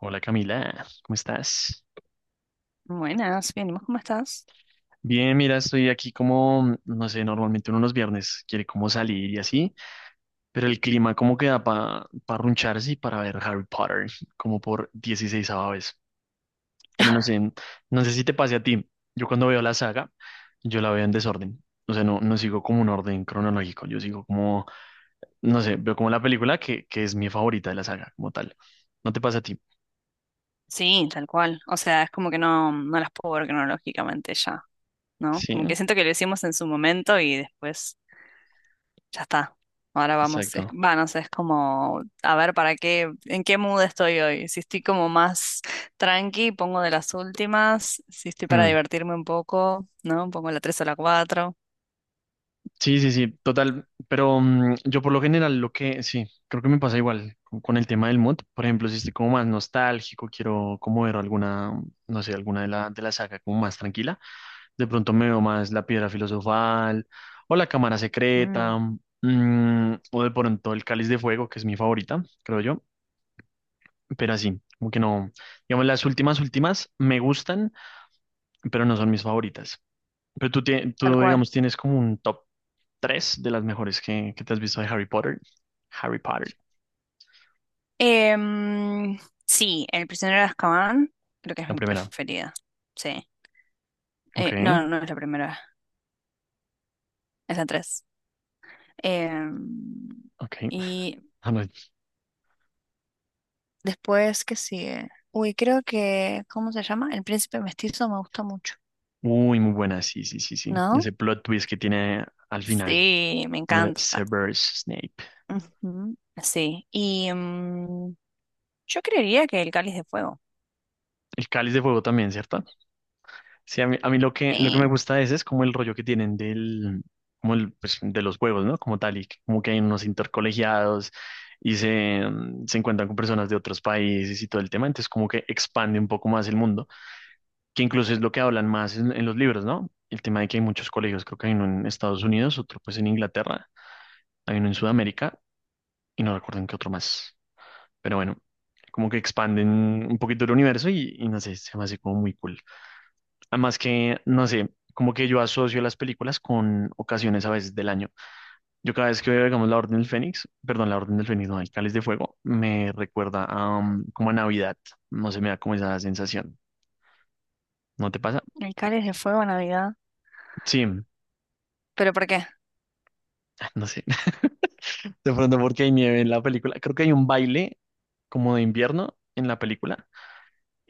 Hola Camila, ¿cómo estás? Buenas, bien, ¿y vos cómo estás? Bien, mira, estoy aquí como, no sé, normalmente uno los viernes quiere como salir y así, pero el clima como que da para parruncharse y para ver Harry Potter como por 16 vez. Pero no sé, no sé si te pase a ti. Yo cuando veo la saga, yo la veo en desorden. O sea, no sigo como un orden cronológico, yo sigo como, no sé, veo como la película que es mi favorita de la saga como tal. ¿No te pasa a ti? Sí, tal cual. O sea, es como que no las puedo ver cronológicamente ya, ¿no? Sí, Como que siento que lo hicimos en su momento y después ya está. Ahora vamos, es, exacto. va, no sé, es como a ver para qué, en qué mood estoy hoy. Si estoy como más tranqui, pongo de las últimas. Si estoy para Hmm. divertirme un poco, ¿no? Pongo la tres o la cuatro. Sí, sí, sí, total. Pero yo por lo general lo que, sí, creo que me pasa igual con el tema del mod. Por ejemplo, si estoy como más nostálgico, quiero como ver alguna, no sé, alguna de la saga como más tranquila. De pronto me veo más La Piedra Filosofal o La Cámara Mm, Secreta, o de pronto El Cáliz de Fuego, que es mi favorita, creo yo. Pero así, como que no, digamos, las últimas, últimas me gustan, pero no son mis favoritas. Pero tú, tal tú, cual. digamos, tienes como un top 3 de las mejores que te has visto de Harry Potter. Harry Potter, Em, sí, El prisionero de Azkaban, creo que es la mi primera. preferida. Sí. Ok, No, no es la primera, es la tres. Em, ok. y Ah, no. después, ¿qué sigue? Uy, creo que, ¿cómo se llama? El príncipe mestizo me gusta mucho, Uy, muy buena, sí, sí, sí, sí. ¿no? Ese plot twist que tiene al final, Sí, me con lo de encanta. Severus Snape. Ujú. Sí, y yo creería que el cáliz de fuego. El Cáliz de Fuego también, ¿cierto? Sí, a mí lo que me Sí, gusta de ese es como el rollo que tienen del, como el, pues, de los juegos, ¿no? Como tal, y como que hay unos intercolegiados y se encuentran con personas de otros países y todo el tema, entonces como que expande un poco más el mundo, que incluso es lo que hablan más en los libros, ¿no? El tema de que hay muchos colegios, creo que hay uno en Estados Unidos, otro pues en Inglaterra, hay uno en Sudamérica y no recuerdo en qué otro más. Pero bueno, como que expanden un poquito el universo y no sé, se me hace como muy cool. Además que, no sé, como que yo asocio las películas con ocasiones a veces del año. Yo cada vez que veo, digamos, La Orden del Fénix, perdón, La Orden del Fénix, no, El Cáliz de Fuego, me recuerda a, como a Navidad. No sé, me da como esa sensación. ¿No te pasa? el cáliz de fuego, Navidad. Sí, ¿Pero por qué? no sé. De pronto porque hay nieve en la película. Creo que hay un baile como de invierno en la película,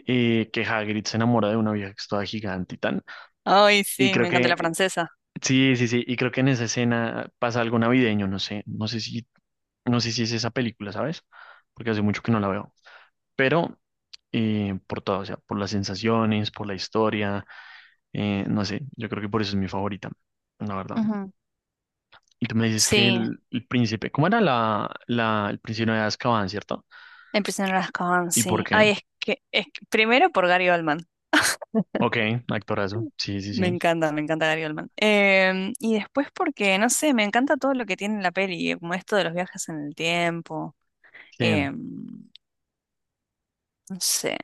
que Hagrid se enamora de una vieja que es toda gigante y tal. Ay, Y sí, creo me encanta la que, francesa. sí, sí, sí, y creo que en esa escena pasa algo navideño, no sé, no sé si es esa película, ¿sabes? Porque hace mucho que no la veo. Pero por todo, o sea, por las sensaciones, por la historia, no sé, yo creo que por eso es mi favorita, la verdad. Ujú. Y tú me dices que Sí, el príncipe, ¿cómo era el príncipe de Azkaban, ¿cierto? empiezan las Azkaban, ¿Y por sí. qué? Ay, primero por Gary Oldman. Ok, actorazo. Sí, sí, sí. Me encanta Gary Oldman. Y después porque, no sé, me encanta todo lo que tiene la peli, como esto de los viajes en el tiempo, ¿Quién? em, no sé,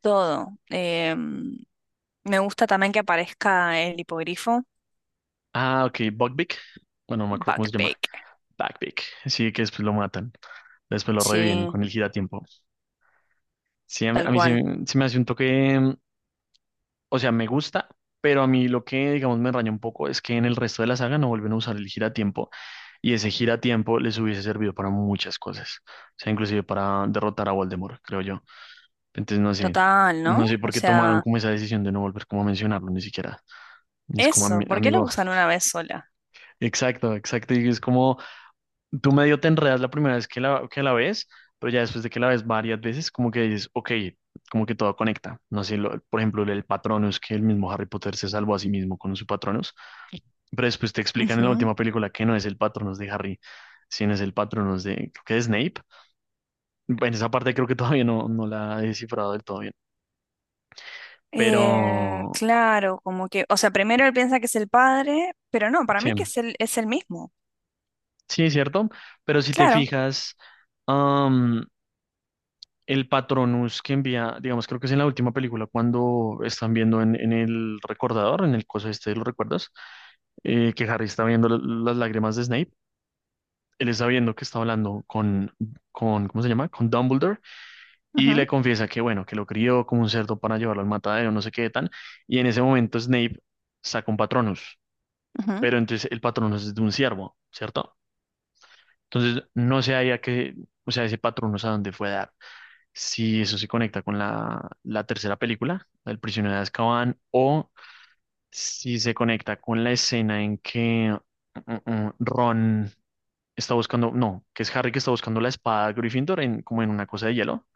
todo. Me gusta también que aparezca el hipogrifo. Ah, ok, Buckbeak. Bueno, no me acuerdo cómo se llama. Backpack. Buckbeak. Sí, que después lo matan. Después lo reviven Sí, con el giratiempo. Sí, a mí, tal a mí se, cual. se me hace un toque, o sea, me gusta, pero a mí lo que, digamos, me raya un poco es que en el resto de la saga no vuelven a usar el giratiempo, y ese giratiempo les hubiese servido para muchas cosas, o sea, inclusive para derrotar a Voldemort, creo yo. Entonces, Total, no sé ¿no? por O qué tomaron sea, como esa decisión de no volver como a mencionarlo ni siquiera. Y es como, eso, ¿por qué lo amigo", usan una vez sola? exacto, exacto. Y es como, tú medio te enredas la primera vez que la ves, pero ya después de que la ves varias veces, como que dices, ok, como que todo conecta. No sé, por ejemplo, el Patronus, que el mismo Harry Potter se salvó a sí mismo con su Patronus, pero después te explican en la última película que no es el Patronus de Harry, sino es el Patronus de, creo que es Snape. En esa parte creo que todavía no la he descifrado del todo bien. Pero, Claro, como que, o sea, primero él piensa que es el padre, pero no, para sí, mí que es es el mismo. sí, es cierto. Pero si te Claro. fijas, el Patronus que envía, digamos, creo que es en la última película cuando están viendo en el recordador, en el coso este, ¿lo recuerdas? Que Harry está viendo las lágrimas de Snape. Él está viendo que está hablando con, ¿cómo se llama? Con Dumbledore, y le Ujú, confiesa que, bueno, que lo crió como un cerdo para llevarlo al matadero, no sé qué tan. Y en ese momento Snape saca un Patronus, ujú, pero entonces el Patronus es de un ciervo, ¿cierto? Entonces no sé ahí a qué, o sea, ese Patronus a dónde fue a dar, si eso se conecta con la tercera película, El prisionero de Azkaban, o si se conecta con la escena en que Ron está buscando, no, que es Harry que está buscando la espada de Gryffindor en, como en una cosa de hielo,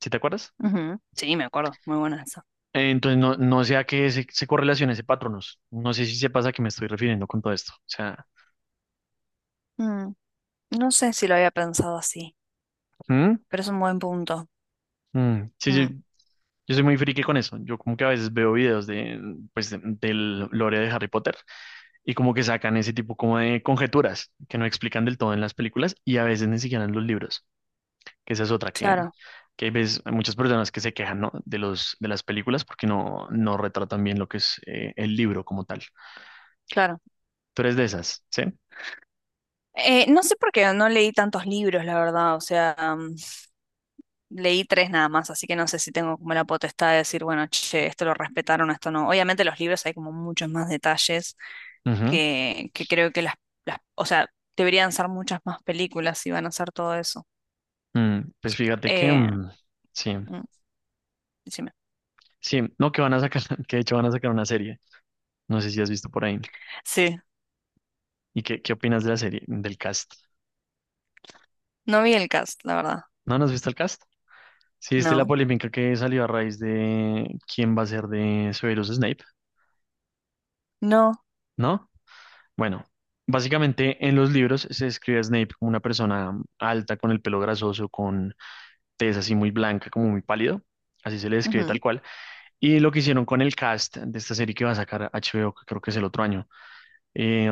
¿sí te acuerdas? ujú. Sí, me acuerdo, muy buena esa. Entonces no, no sea que se correlacione ese patronos, no sé si se pasa que me estoy refiriendo con todo esto, o sea. Mm, no sé si lo había pensado así, ¿Mm? pero es un buen punto. Mm, sí, Mm, sí. Yo soy muy friki con eso. Yo como que a veces veo videos de, pues, del lore de Harry Potter, y como que sacan ese tipo como de conjeturas que no explican del todo en las películas y a veces ni siquiera en los libros, que esa es otra claro, que ves, hay muchas personas que se quejan, ¿no?, de los, de las películas porque no retratan bien lo que es, el libro como tal. claro. Tú eres de esas, ¿sí? No sé por qué no leí tantos libros, la verdad, o sea, leí tres nada más, así que no sé si tengo como la potestad de decir, bueno, che, esto lo respetaron, esto no. Obviamente los libros hay como muchos más detalles Ujú. Que creo que o sea, deberían ser muchas más películas si van a hacer todo eso. Pues fíjate que, Eh, sí, mm, Decime. sí, no, que van a sacar, que de hecho van a sacar una serie, no sé si has visto por ahí. Sí, ¿Y qué opinas de la serie, del cast? no vi el cast, la verdad. ¿No, no has visto el cast? Sí, viste la No, polémica que salió a raíz de quién va a ser de Severus Snape. no. ¿No? Bueno, básicamente en los libros se describe a Snape como una persona alta, con el pelo grasoso, con tez así muy blanca, como muy pálido. Así se le describe tal cual. Y lo que hicieron con el cast de esta serie que va a sacar HBO, que creo que es el otro año, eh,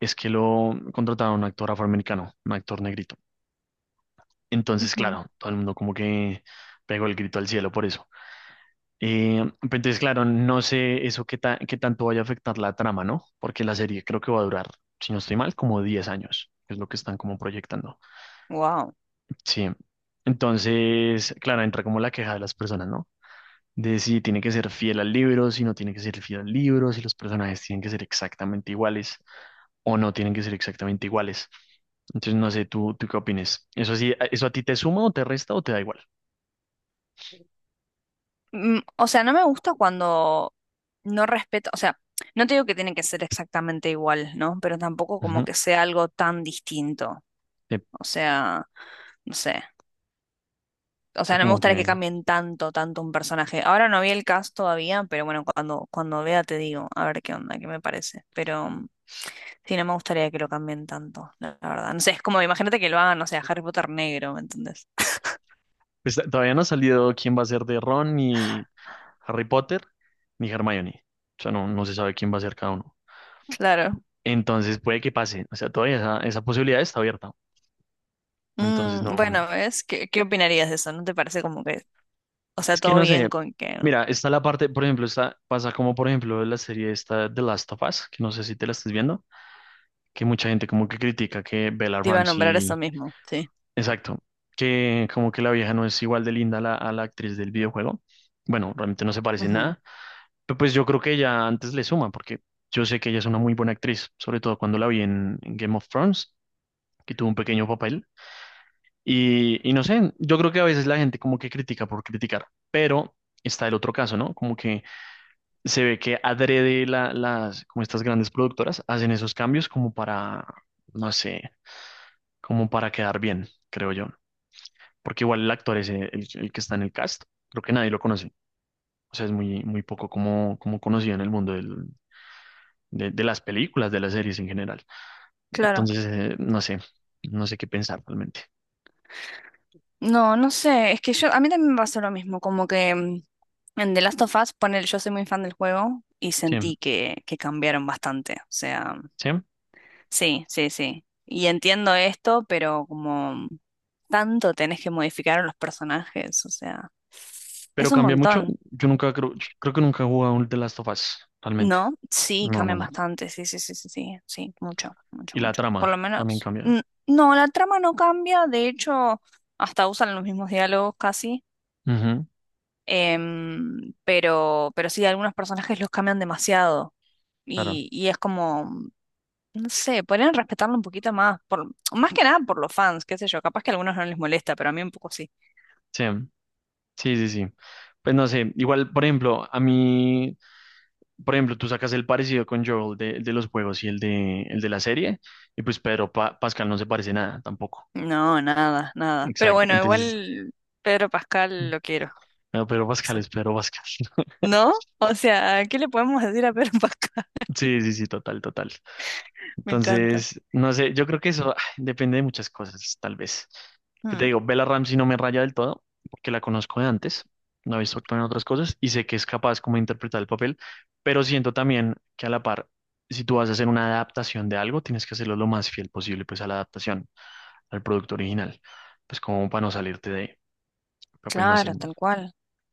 es que lo contrataron a un actor afroamericano, un actor negrito. Entonces, claro, todo el mundo como que pegó el grito al cielo por eso. Pero entonces, claro, no sé eso qué, qué tanto vaya a afectar la trama, ¿no? Porque la serie creo que va a durar, si no estoy mal, como 10 años, que es lo que están como proyectando. Wow. Sí. Entonces, claro, entra como la queja de las personas, ¿no? De si tiene que ser fiel al libro, si no tiene que ser fiel al libro, si los personajes tienen que ser exactamente iguales o no tienen que ser exactamente iguales. Entonces, no sé, ¿tú qué opinas? ¿Eso sí, eso a ti te suma o te resta o te da igual? O sea, no me gusta cuando no respeto, o sea, no te digo que tiene que ser exactamente igual, ¿no? Pero tampoco como Ujú. que sea algo tan distinto. Sí, O sea, no sé. O sí, sea, no me como gustaría que... que cambien tanto, tanto un personaje. Ahora no vi el cast todavía, pero bueno, cuando vea te digo, a ver qué onda, qué me parece. Pero sí, no me gustaría que lo cambien tanto, la verdad. No sé, es como, imagínate que lo hagan, no sé, a Harry Potter negro, ¿me entendés? Pues, todavía no ha salido quién va a ser de Ron, ni Harry Potter, ni Hermione. O sea, no se sabe quién va a ser cada uno. Claro. Entonces puede que pase. O sea, todavía esa posibilidad está abierta. Entonces Mm, no. bueno, ¿ves? ¿Qué, qué opinarías de eso? ¿No te parece como que, o sea, Es que todo no sé. bien con que Mira, está la parte, por ejemplo, está, pasa como por ejemplo la serie esta The Last of Us, que no sé si te la estás viendo, que mucha gente como que critica que Bella te iba a nombrar eso Ramsey, mismo? Sí. exacto, que como que la vieja no es igual de linda a la actriz del videojuego. Bueno, realmente no se parece en Ujú. nada. Pero pues yo creo que ella antes le suma, porque yo sé que ella es una muy buena actriz, sobre todo cuando la vi en Game of Thrones, que tuvo un pequeño papel. Y no sé, yo creo que a veces la gente como que critica por criticar, pero está el otro caso, ¿no? Como que se ve que adrede las, como estas grandes productoras hacen esos cambios como para, no sé, como para quedar bien, creo yo. Porque igual el actor es el que está en el cast, creo que nadie lo conoce. O sea, es muy, muy poco como, como conocido en el mundo de las películas, de las series en general. Claro. Entonces, no sé, no sé qué pensar realmente. No, no sé, es que yo, a mí también me pasó lo mismo, como que en The Last of Us, ponele, yo soy muy fan del juego y Sí, sentí que cambiaron bastante, o sea, sí, sí, sí, sí, y entiendo esto, pero como tanto tenés que modificar a los personajes, o sea, pero es un cambia mucho. montón, Yo nunca creo, yo creo que nunca he jugado un The Last of Us, realmente. ¿no? Sí, No, no, cambian no. bastante, sí, sí, sí, sí, sí, sí, mucho, mucho, Y la mucho, por lo trama también menos, cambia. No, la trama no cambia, de hecho, hasta usan los mismos diálogos casi. Ujú, Pero sí, algunos personajes los cambian demasiado. claro. Y es como, no sé, podrían respetarlo un poquito más, por, más que nada por los fans, qué sé yo, capaz que a algunos no les molesta, pero a mí un poco sí. Sí, sí, sí, sí. Pues no sé, igual, por ejemplo, a mí, por ejemplo, tú sacas el parecido con Joel de los juegos y el de la serie, y pues Pedro Pascal no se parece nada tampoco. No, nada, nada. Pero Exacto. bueno, Entonces, igual Pedro Pascal lo quiero, no no, Pedro Pascal sé. es Pedro Pascal. ¿No? O sea, ¿qué le podemos decir a Pedro Pascal? Sí, sí, sí, total, total. Me encanta. Entonces, no sé, yo creo que eso depende de muchas cosas, tal vez. Que te Mm, digo, Bella Ramsey no me raya del todo, porque la conozco de antes, no he visto actuar en otras cosas y sé que es capaz como de interpretar el papel, pero siento también que a la par, si tú vas a hacer una adaptación de algo, tienes que hacerlo lo más fiel posible pues a la adaptación, al producto original, pues como para no salirte de, ahí. Pero pues no sé, claro, no tal cual,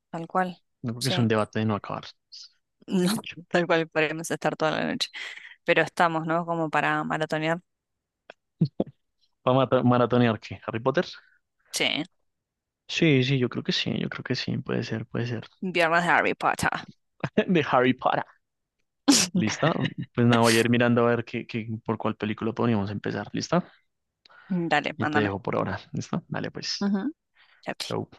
tal cual. creo que es un Sí, debate de no acabar. no, De hecho, tal cual podríamos estar toda la noche. Pero estamos, ¿no? Como para maratonear. para maratonear, ¿qué? ¿Harry Potter? Sí. Sí, sí, yo creo que sí, yo creo que sí, puede ser, puede ser. Viernes de Harry Potter. De Harry Potter. ¿Listo? Pues nada, voy a ir mirando a ver qué, por cuál película podríamos empezar. ¿Listo? Dale, Y te mándame. dejo por ahora. ¿Listo? Dale, pues. Ujú. Chao, Chau. chao.